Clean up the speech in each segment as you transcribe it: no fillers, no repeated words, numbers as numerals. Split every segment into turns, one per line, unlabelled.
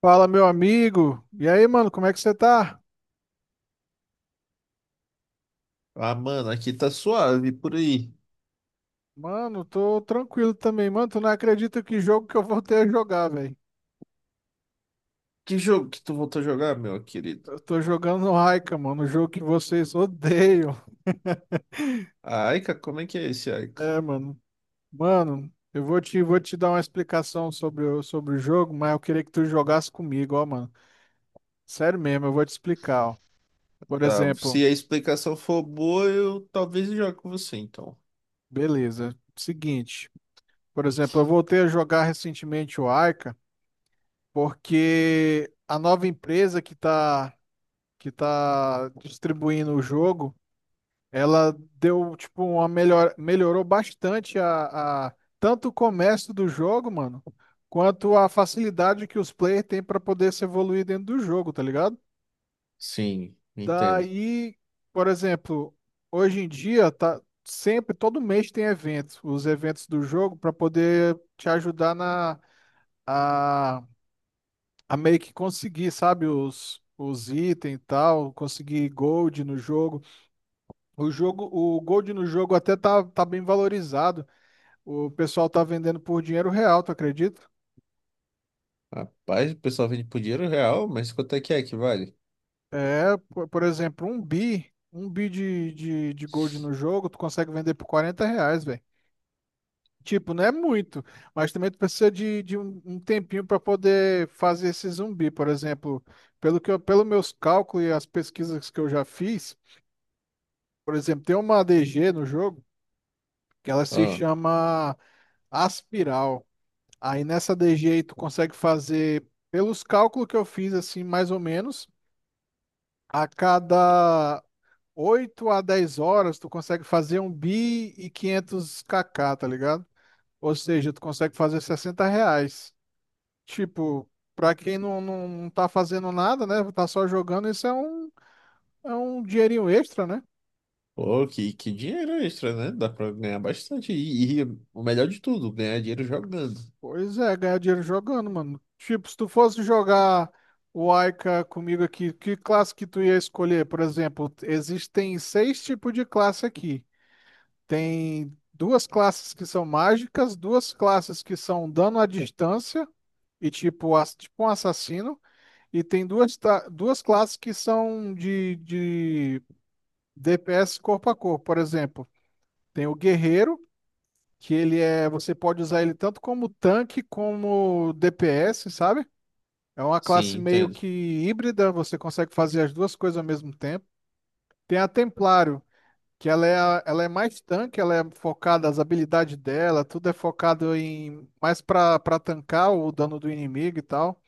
Fala, meu amigo. E aí, mano, como é que você tá?
Ah, mano, aqui tá suave por aí.
Mano, tô tranquilo também. Mano, tu não acredita que jogo que eu voltei a jogar, velho.
Que jogo que tu voltou a jogar, meu querido?
Eu tô jogando no Raika, mano, o jogo que vocês odeiam.
A Aika, como é que é esse Aika?
É, mano. Mano, eu vou te dar uma explicação sobre o jogo, mas eu queria que tu jogasse comigo, ó, mano. Sério mesmo, eu vou te explicar, ó. Por
Tá,
exemplo,
se a explicação for boa, eu talvez jogue com você, então.
beleza. Seguinte, por exemplo, eu voltei a jogar recentemente o Aika, porque a nova empresa que tá distribuindo o jogo, ela deu, tipo, melhorou bastante tanto o comércio do jogo, mano, quanto a facilidade que os players têm para poder se evoluir dentro do jogo, tá ligado?
Sim, entendo.
Daí, por exemplo, hoje em dia tá sempre todo mês tem eventos, os eventos do jogo para poder te ajudar na a, a meio que conseguir, sabe, os itens e tal, conseguir gold no jogo. O jogo, o Gold no jogo até tá bem valorizado. O pessoal tá vendendo por dinheiro real, tu acredita?
Rapaz, o pessoal vende por dinheiro real, mas quanto é que vale?
É, por exemplo, um bi de Gold no jogo, tu consegue vender por R$ 40, velho. Tipo, não é muito, mas também tu precisa de um tempinho para poder fazer esse zumbi, por exemplo. Pelo meus cálculos e as pesquisas que eu já fiz, por exemplo, tem uma ADG no jogo que ela se
Ah,
chama Aspiral. Aí nessa DG aí tu consegue fazer, pelos cálculos que eu fiz, assim, mais ou menos, a cada 8 a 10 horas tu consegue fazer um bi e 500 kk, tá ligado? Ou seja, tu consegue fazer R$ 60. Tipo, pra quem não tá fazendo nada, né? Tá só jogando, isso é um dinheirinho extra, né?
pô, que, que dinheiro extra, né? Dá pra ganhar bastante. E o melhor de tudo, ganhar dinheiro jogando.
Pois é, ganhar dinheiro jogando, mano. Tipo, se tu fosse jogar o Aika comigo aqui, que classe que tu ia escolher? Por exemplo, existem seis tipos de classe aqui. Tem duas classes que são mágicas, duas classes que são dano à distância e tipo, tipo um assassino, e tem duas classes que são de DPS corpo a corpo, por exemplo. Tem o guerreiro, você pode usar ele tanto como tanque como DPS, sabe? É uma
Sim,
classe meio
entendo.
que híbrida, você consegue fazer as duas coisas ao mesmo tempo. Tem a Templário, que ela é, a- ela é mais tanque, ela é focada, as habilidades dela, tudo é focado em mais pra tancar o dano do inimigo e tal.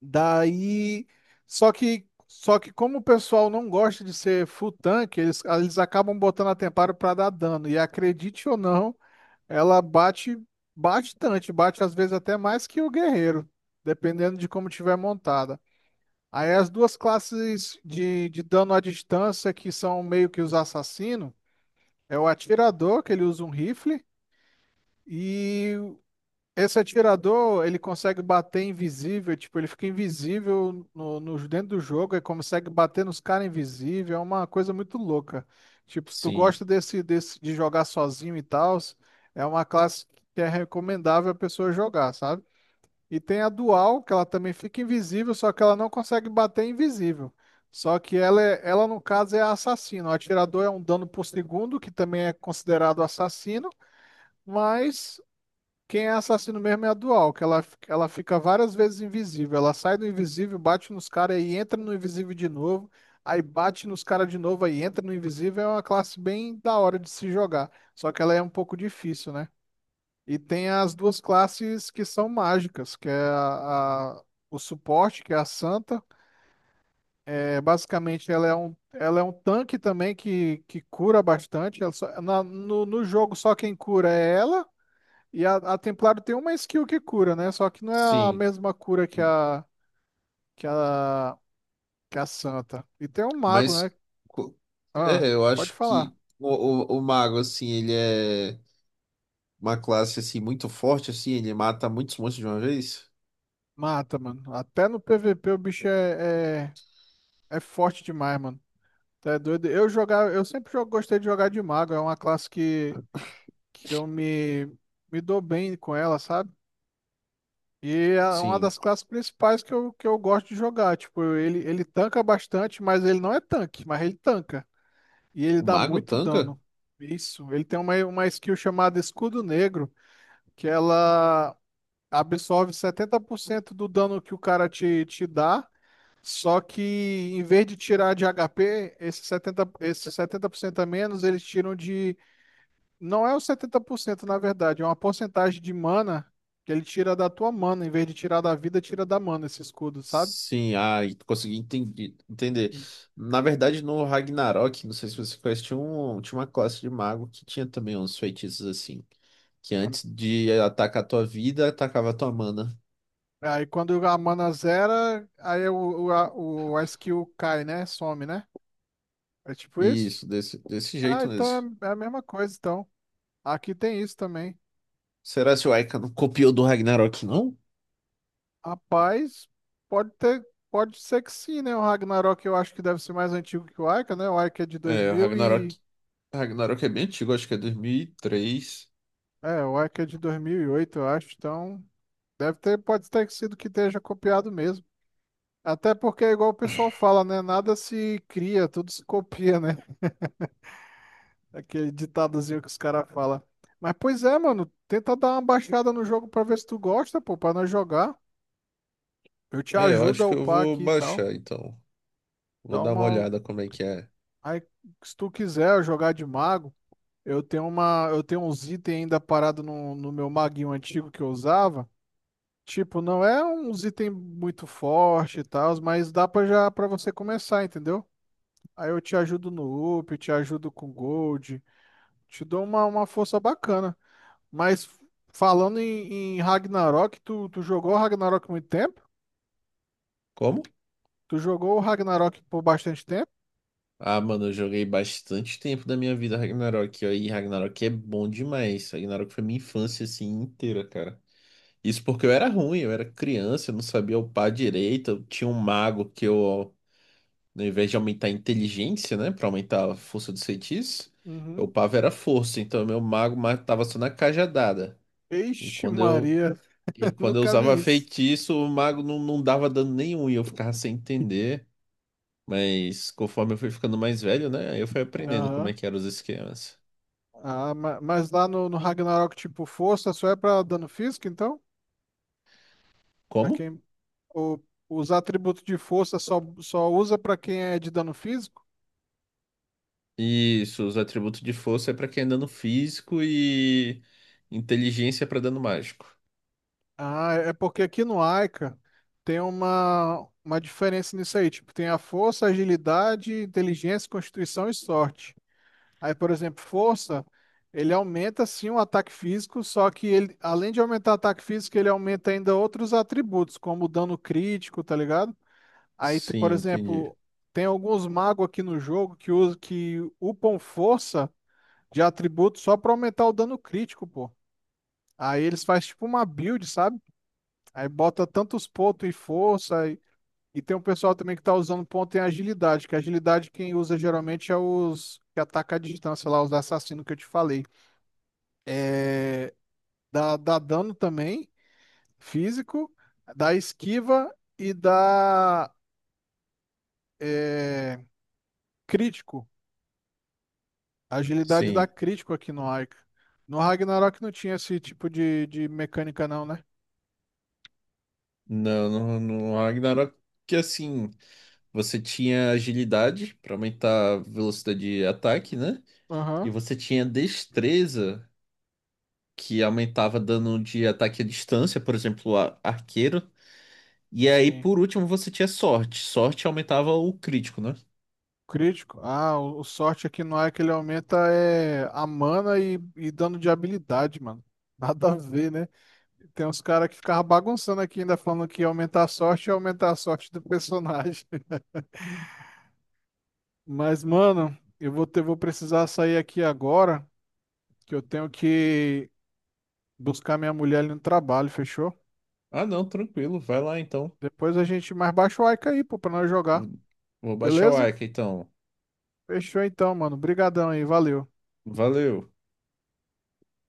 Daí, só que como o pessoal não gosta de ser full tanque, eles acabam botando a Templário pra dar dano. E acredite ou não, ela bate bastante, bate às vezes até mais que o guerreiro, dependendo de como tiver montada. Aí as duas classes de dano à distância que são meio que os assassinos, é o atirador, que ele usa um rifle, e esse atirador, ele consegue bater invisível, tipo, ele fica invisível dentro do jogo, e consegue bater nos caras invisível, é uma coisa muito louca. Tipo, se tu gosta
Sim,
desse de jogar sozinho e tal, é uma classe que é recomendável a pessoa jogar, sabe? E tem a dual, que ela também fica invisível, só que ela não consegue bater invisível. Só que ela no caso, é a assassino. O atirador é um dano por segundo, que também é considerado assassino, mas quem é assassino mesmo é a dual, que ela fica várias vezes invisível. Ela sai do invisível, bate nos caras e entra no invisível de novo. Aí bate nos caras de novo, aí entra no invisível. É uma classe bem da hora de se jogar. Só que ela é um pouco difícil, né? E tem as duas classes que são mágicas, que é o suporte, que é a Santa. É, basicamente, ela é um tanque também que cura bastante. Ela no jogo, só quem cura é ela. E a Templário tem uma skill que cura, né? Só que não é a
sim.
mesma cura que a, que a Santa. E tem o Mago, né?
Mas co-
Ah,
é, eu
pode
acho
falar.
que o mago, assim, ele é uma classe, assim, muito forte, assim, ele mata muitos monstros de uma vez.
Mata, mano. Até no PVP o bicho é forte demais, mano. Tá doido? Eu sempre gostei de jogar de mago, é uma classe que eu me dou bem com ela, sabe? E é uma
Sim.
das classes principais que eu gosto de jogar. Tipo, ele tanca bastante, mas ele não é tanque, mas ele tanca. E ele
O
dá
mago
muito
tanca?
dano. Isso. Ele tem uma skill chamada Escudo Negro, que ela absorve 70% do dano que o cara te dá. Só que em vez de tirar de HP, esse 70, esse 70% a menos, eles tiram de. Não é o 70% na verdade, é uma porcentagem de mana que ele tira da tua mana. Em vez de tirar da vida, tira da mana esse escudo, sabe?
Sim, ah, e entender. Na verdade, no Ragnarok, não sei se você conhece, tinha, um, tinha uma classe de mago que tinha também uns feitiços assim, que
A-
antes de atacar a tua vida, atacava a tua mana.
Aí quando a mana zera, aí o- a skill cai, né? Some, né? É tipo isso?
Isso, desse
Ah,
jeito mesmo.
então é a mesma coisa, então. Aqui tem isso também.
Será que o Aika não copiou do Ragnarok, não?
Rapaz, pode ter, pode ser que sim, né? O Ragnarok eu acho que deve ser mais antigo que o Aika, né? O Aika é de dois
É, o
mil e
Ragnarok. Ragnarok é bem antigo, acho que é 2003.
O Aika é de 2008, eu acho. Então, deve ter, pode ter sido que esteja copiado mesmo. Até porque é igual o pessoal fala, né? Nada se cria, tudo se copia, né? Aquele ditadozinho que os caras falam. Mas pois é, mano, tenta dar uma baixada no jogo pra ver se tu gosta, pô, pra nós jogar. Eu te
É, eu
ajudo a
acho que eu
upar
vou
aqui e tal.
baixar, então. Vou
Dá
dar uma
uma.
olhada como é que é.
Aí, se tu quiser jogar de mago, eu tenho uns itens ainda parado no meu maguinho antigo que eu usava. Tipo, não é uns itens muito forte e tal, mas dá para já para você começar, entendeu? Aí eu te ajudo no up, te ajudo com gold, te dou uma, força bacana. Mas falando em Ragnarok, tu jogou Ragnarok há muito tempo?
Como?
Tu jogou o Ragnarok por bastante tempo?
Ah, mano, eu joguei bastante tempo da minha vida Ragnarok, ó, e Ragnarok é bom demais. Ragnarok foi minha infância, assim, inteira, cara. Isso porque eu era ruim, eu era criança, eu não sabia upar direito, eu tinha um mago que eu, ao invés de aumentar a inteligência, né, pra aumentar a força dos feitiços, eu
Uhum.
upava era força, então meu mago matava só na cajadada. E
Ixi,
quando eu
Maria,
E quando eu
nunca
usava
vi isso.
feitiço, o mago não dava dano nenhum e eu ficava sem entender. Mas conforme eu fui ficando mais velho, né? aí Eu fui aprendendo como
Aham.
é que eram os esquemas.
Ah, mas lá no Ragnarok, tipo, força só é pra dano físico, então? Pra
Como?
quem O- os atributos de força só usa para quem é de dano físico?
Isso, os atributos de força é pra quem é dano físico e inteligência é pra dano mágico.
Ah, é porque aqui no Aika tem uma diferença nisso aí. Tipo, tem a força, agilidade, inteligência, constituição e sorte. Aí, por exemplo, força, ele aumenta sim o ataque físico, só que ele, além de aumentar o ataque físico, ele aumenta ainda outros atributos, como o dano crítico, tá ligado? Aí, por
Sim, entendi.
exemplo, tem alguns magos aqui no jogo que usam que upam força de atributo só pra aumentar o dano crítico, pô. Aí eles fazem tipo uma build, sabe? Aí bota tantos pontos em força. E tem um pessoal também que tá usando ponto em agilidade, que agilidade quem usa geralmente é os que ataca à distância lá, os assassinos que eu te falei. É, dá dano também, físico, dá esquiva e dá é, crítico. Agilidade dá
Sim.
crítico aqui no Aika. No Ragnarok não tinha esse tipo de mecânica, não, né?
Não, no, no Ragnarok, que assim, você tinha agilidade pra aumentar a velocidade de ataque, né? E
Aham,
você tinha destreza que aumentava dano de ataque à distância, por exemplo, arqueiro. E aí,
sim.
por último, você tinha sorte. Sorte aumentava o crítico, né?
Crítico? Ah, o sorte aqui não é que ele aumenta a mana e dano de habilidade, mano. Nada a ver, né? Tem uns caras que ficavam bagunçando aqui ainda falando que ia aumentar a sorte e aumentar a sorte do personagem. Mas, mano, vou precisar sair aqui agora, que eu tenho que buscar minha mulher ali no trabalho, fechou?
Ah, não, tranquilo, vai lá então.
Depois a gente mais baixa o Aika aí, pô, pra nós jogar.
Vou Vou baixar o
Beleza?
Arca então.
Fechou então, mano. Brigadão aí, valeu.
Valeu.